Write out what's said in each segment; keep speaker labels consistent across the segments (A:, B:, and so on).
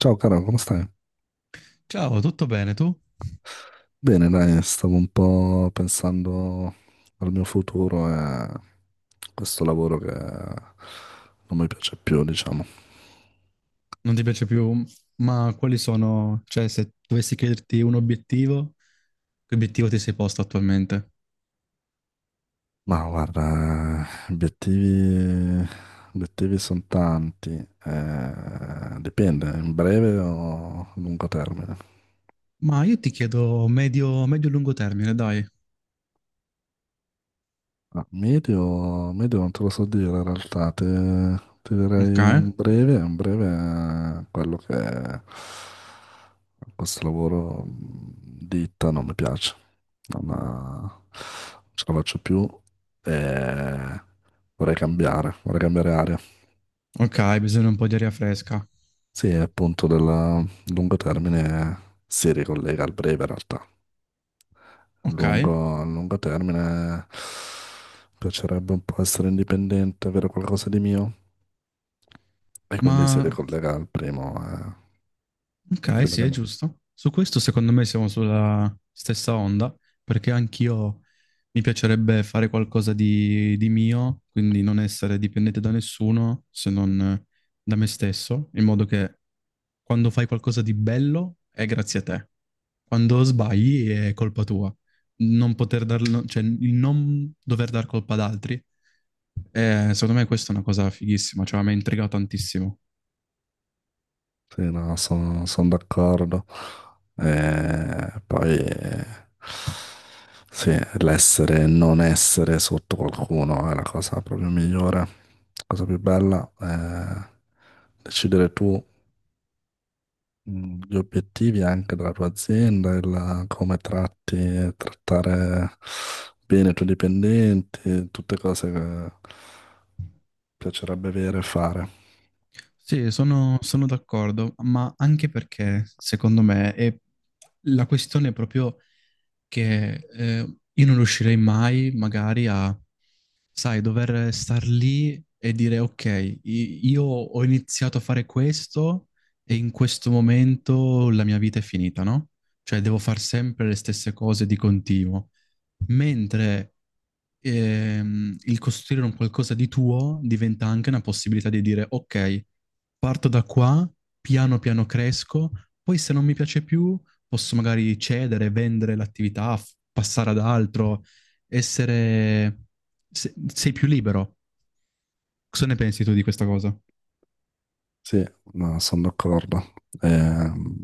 A: Ciao caro, come stai?
B: Ciao, tutto bene tu?
A: Bene, dai, stavo un po' pensando al mio futuro e a questo lavoro che non mi piace più, diciamo.
B: Non ti piace più, ma quali sono, cioè se dovessi chiederti un obiettivo, che obiettivo ti sei posto attualmente?
A: Ma guarda, obiettivi, obiettivi sono tanti, dipende, in breve o a lungo termine.
B: Ma io ti chiedo medio, medio-lungo termine, dai.
A: Ah, medio non te lo so dire in realtà, ti direi
B: Ok,
A: in breve, quello che questo lavoro ditta non mi piace, non ce la faccio più e vorrei cambiare aria.
B: ok, bisogna un po' di aria fresca.
A: Sì, e appunto del lungo termine si ricollega al breve in realtà.
B: Ok,
A: A lungo termine piacerebbe un po' essere indipendente, avere qualcosa di mio. E quindi si
B: ma
A: ricollega al primo.
B: ok,
A: Dimmi,
B: sì, è
A: dimmi.
B: giusto. Su questo secondo me siamo sulla stessa onda, perché anch'io mi piacerebbe fare qualcosa di mio, quindi non essere dipendente da nessuno se non da me stesso, in modo che quando fai qualcosa di bello è grazie a te. Quando sbagli è colpa tua. Non poter darlo, cioè il non dover dar colpa ad altri, secondo me questa è una cosa fighissima, cioè mi ha intrigato tantissimo.
A: Sì, no, sono d'accordo. E poi sì, l'essere e non essere sotto qualcuno è la cosa proprio migliore, la cosa più bella, è decidere tu, gli obiettivi anche della tua azienda, il come tratti e trattare bene i tuoi dipendenti, tutte cose che piacerebbe avere e fare.
B: Sì, sono d'accordo, ma anche perché secondo me è la questione è proprio che io non riuscirei mai magari a, sai, dover star lì e dire ok, io ho iniziato a fare questo e in questo momento la mia vita è finita, no? Cioè devo fare sempre le stesse cose di continuo. Mentre il costruire un qualcosa di tuo diventa anche una possibilità di dire, ok, parto da qua, piano piano cresco, poi se non mi piace più posso magari cedere, vendere l'attività, passare ad altro, essere... sei più libero. Cosa ne pensi tu di questa cosa?
A: Sì, no, sono d'accordo. Ehm,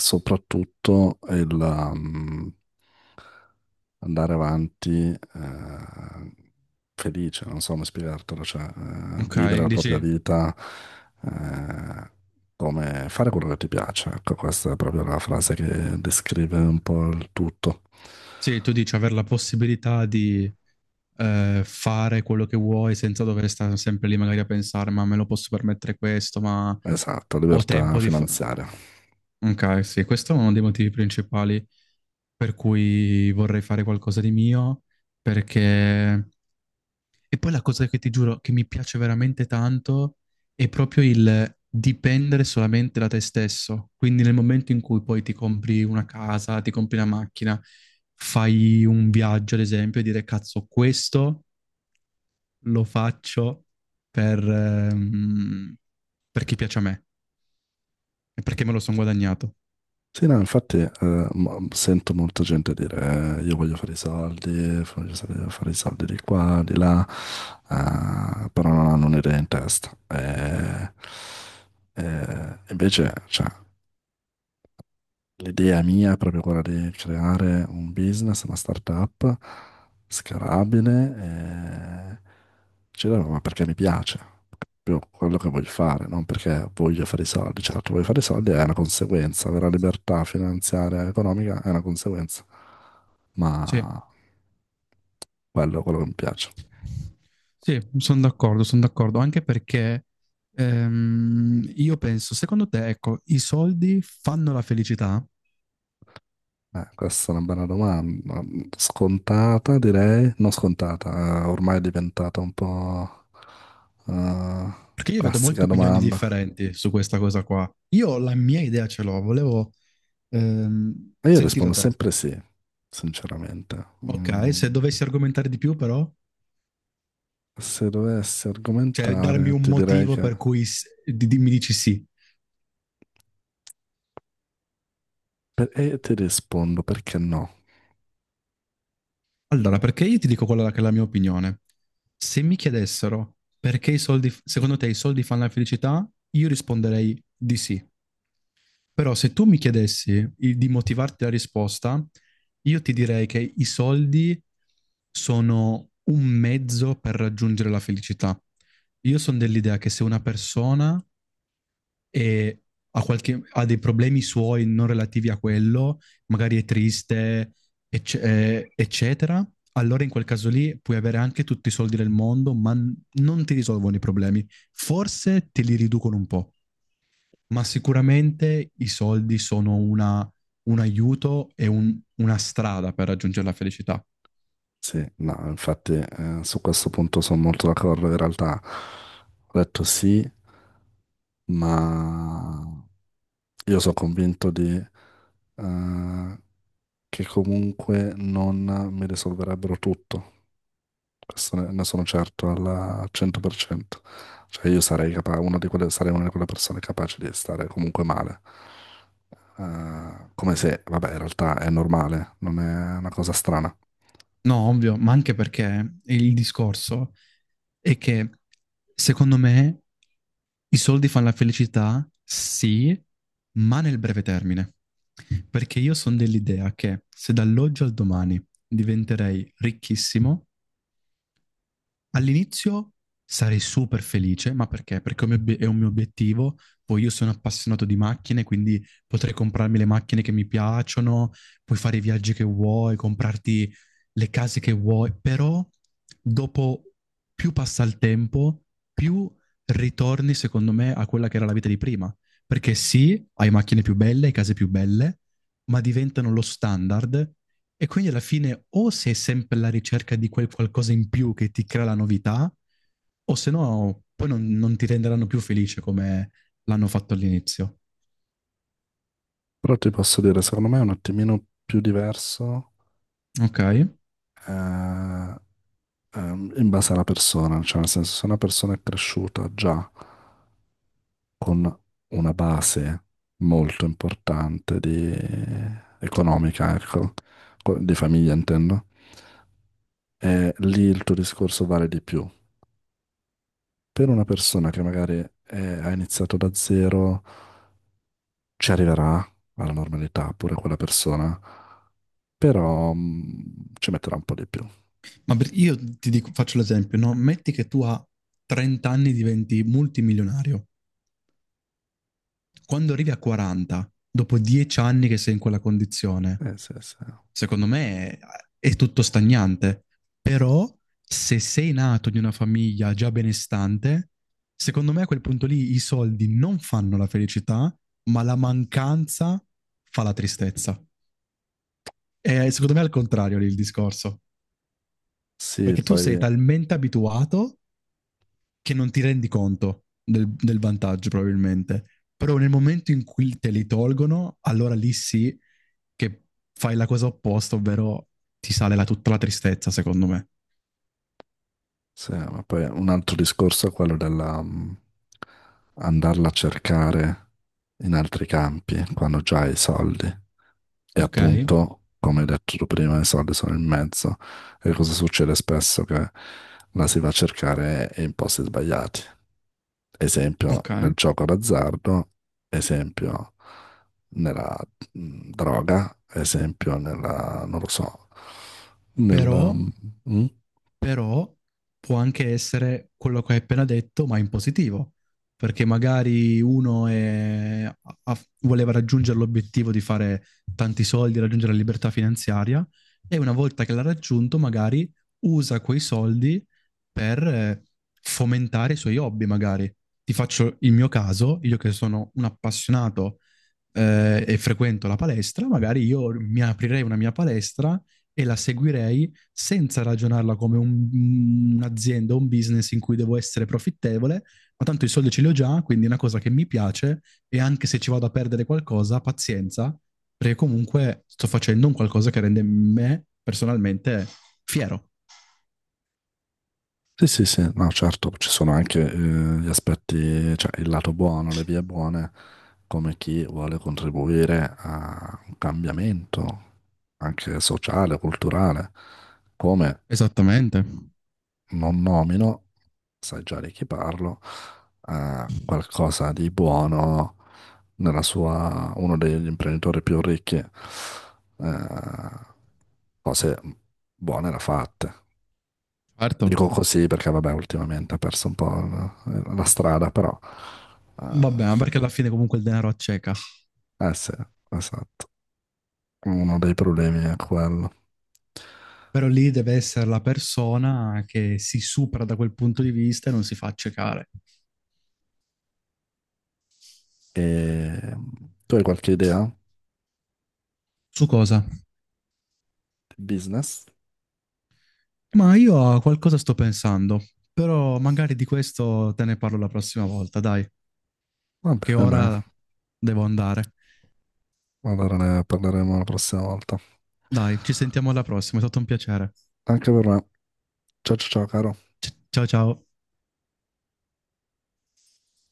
A: soprattutto il andare avanti, felice, non so come spiegartelo, cioè
B: Ok,
A: vivere la propria
B: dici,
A: vita, eh, come fare quello che ti piace. Ecco, questa è proprio la frase che descrive un po' il tutto.
B: sì, tu dici avere la possibilità di fare quello che vuoi senza dover stare sempre lì magari a pensare, ma me lo posso permettere questo, ma
A: Esatto,
B: ho
A: libertà
B: tempo di fare...
A: finanziaria.
B: Ok, sì, questo è uno dei motivi principali per cui vorrei fare qualcosa di mio, perché... E poi la cosa che ti giuro che mi piace veramente tanto è proprio il dipendere solamente da te stesso. Quindi nel momento in cui poi ti compri una casa, ti compri una macchina, fai un viaggio, ad esempio, e dire cazzo, questo lo faccio per, ehm, per chi piace a me e perché me lo sono guadagnato.
A: Sì, no, infatti sento molta gente dire io voglio fare i soldi, voglio fare i soldi di qua, di là, però non hanno un'idea in testa. E invece, cioè, l'idea mia è proprio quella di creare un business, una startup scalabile e ci devo, ma perché mi piace, proprio quello che voglio fare, non perché voglio fare i soldi. Certo, voglio fare i soldi è una conseguenza, avere la libertà finanziaria e economica è una conseguenza,
B: Sì,
A: ma quello è quello che mi piace.
B: sì, sono d'accordo, anche perché io penso, secondo te, ecco, i soldi fanno la felicità?
A: Questa è una bella domanda. Scontata, direi. Non scontata, ormai è diventata un po' eh,
B: Perché io vedo molte
A: classica
B: opinioni
A: domanda.
B: differenti su questa cosa qua. Io la mia idea ce l'ho, volevo
A: E io
B: sentire
A: rispondo
B: te.
A: sempre sì, sinceramente.
B: Ok, se
A: Mm,
B: dovessi argomentare di più però,
A: se dovessi
B: cioè darmi
A: argomentare,
B: un
A: ti direi
B: motivo
A: che...
B: per cui mi dici sì.
A: per- E ti rispondo perché no.
B: Allora, perché io ti dico quella che è la mia opinione. Se mi chiedessero perché i soldi, secondo te i soldi fanno la felicità, io risponderei di sì. Però se tu mi chiedessi di motivarti la risposta, io ti direi che i soldi sono un mezzo per raggiungere la felicità. Io sono dell'idea che se una persona e ha, ha dei problemi suoi non relativi a quello, magari è triste, eccetera, allora in quel caso lì puoi avere anche tutti i soldi del mondo, ma non ti risolvono i problemi. Forse te li riducono un po', ma sicuramente i soldi sono un aiuto e una strada per raggiungere la felicità.
A: Sì, no, infatti su questo punto sono molto d'accordo. In realtà ho detto sì, ma... Io sono convinto di, eh, che comunque non mi risolverebbero tutto. Questo ne sono certo al 100%. Cioè io sarei una di quelle persone capaci di stare comunque male. Come se, vabbè, in realtà è normale, non è una cosa strana.
B: No, ovvio, ma anche perché il discorso è che secondo me i soldi fanno la felicità, sì, ma nel breve termine. Perché io sono dell'idea che se dall'oggi al domani diventerei ricchissimo, all'inizio sarei super felice, ma perché? Perché è un mio è un mio obiettivo. Poi io sono appassionato di macchine, quindi potrei comprarmi le macchine che mi piacciono, puoi fare i viaggi che vuoi, comprarti le case che vuoi, però dopo più passa il tempo, più ritorni, secondo me, a quella che era la vita di prima. Perché sì, hai macchine più belle, hai case più belle, ma diventano lo standard e quindi alla fine o sei sempre alla ricerca di quel qualcosa in più che ti crea la novità, o se no poi non ti renderanno più felice come l'hanno fatto all'inizio.
A: Però ti posso dire, secondo me è un attimino più diverso,
B: Ok?
A: eh, in base alla persona, cioè nel senso se una persona è cresciuta già con una base molto importante economica, ecco, di famiglia intendo, lì il tuo discorso vale di più. Per una persona che magari ha iniziato da zero, ci arriverà alla normalità pure quella persona, però ci metterà un po' di più.
B: Io ti dico, faccio l'esempio, no? Metti che tu a 30 anni diventi multimilionario. Quando arrivi a 40, dopo 10 anni che sei in quella condizione,
A: Sì, sì.
B: secondo me è tutto stagnante. Però se sei nato in una famiglia già benestante, secondo me a quel punto lì i soldi non fanno la felicità, ma la mancanza fa la tristezza. E secondo me è al contrario lì il discorso,
A: Sì,
B: perché tu sei
A: poi.
B: talmente abituato che non ti rendi conto del vantaggio probabilmente. Però nel momento in cui te li tolgono, allora lì sì che fai la cosa opposta, ovvero ti sale tutta la tristezza, secondo me.
A: Sì, ma poi un altro discorso è quello della andarla a cercare in altri campi quando già hai i soldi. E
B: Ok,
A: appunto, come hai detto tu prima, i soldi sono in mezzo. E cosa succede spesso? Che la si va a cercare in posti sbagliati. Esempio
B: ok.
A: nel gioco d'azzardo, esempio nella droga, esempio nella, non lo so, nella...
B: Però,
A: mh,
B: però può anche essere quello che hai appena detto, ma in positivo, perché magari voleva raggiungere l'obiettivo di fare tanti soldi, raggiungere la libertà finanziaria, e una volta che l'ha raggiunto, magari usa quei soldi per fomentare i suoi hobby, magari. Ti faccio il mio caso, io che sono un appassionato e frequento la palestra, magari io mi aprirei una mia palestra e la seguirei senza ragionarla come un'azienda, un business in cui devo essere profittevole, ma tanto i soldi ce li ho già, quindi è una cosa che mi piace e anche se ci vado a perdere qualcosa, pazienza, perché comunque sto facendo un qualcosa che rende me personalmente fiero.
A: Sì, sì, sì, no, certo, ci sono anche gli aspetti, cioè il lato buono, le vie buone, come chi vuole contribuire a un cambiamento anche sociale, culturale, come
B: Esattamente,
A: non nomino, sai già di chi parlo, qualcosa di buono nella sua, uno degli imprenditori più ricchi, cose buone da fatte.
B: certo.
A: Dico così perché, vabbè, ultimamente ha perso un po' la, strada, però...
B: Vabbè,
A: eh
B: ma perché alla fine comunque il denaro acceca.
A: eh sì, esatto. Uno dei problemi è quello.
B: Però lì deve essere la persona che si supera da quel punto di vista e non si fa accecare.
A: E tu hai qualche idea
B: Su cosa?
A: di business?
B: Ma io a qualcosa sto pensando, però magari di questo te ne parlo la prossima volta, dai,
A: Va
B: che
A: bene, dai.
B: ora devo andare.
A: Allora ne parleremo la prossima volta.
B: Dai, ci sentiamo alla prossima, è stato un piacere.
A: Anche per me. Ciao ciao ciao, caro.
B: Ciao ciao.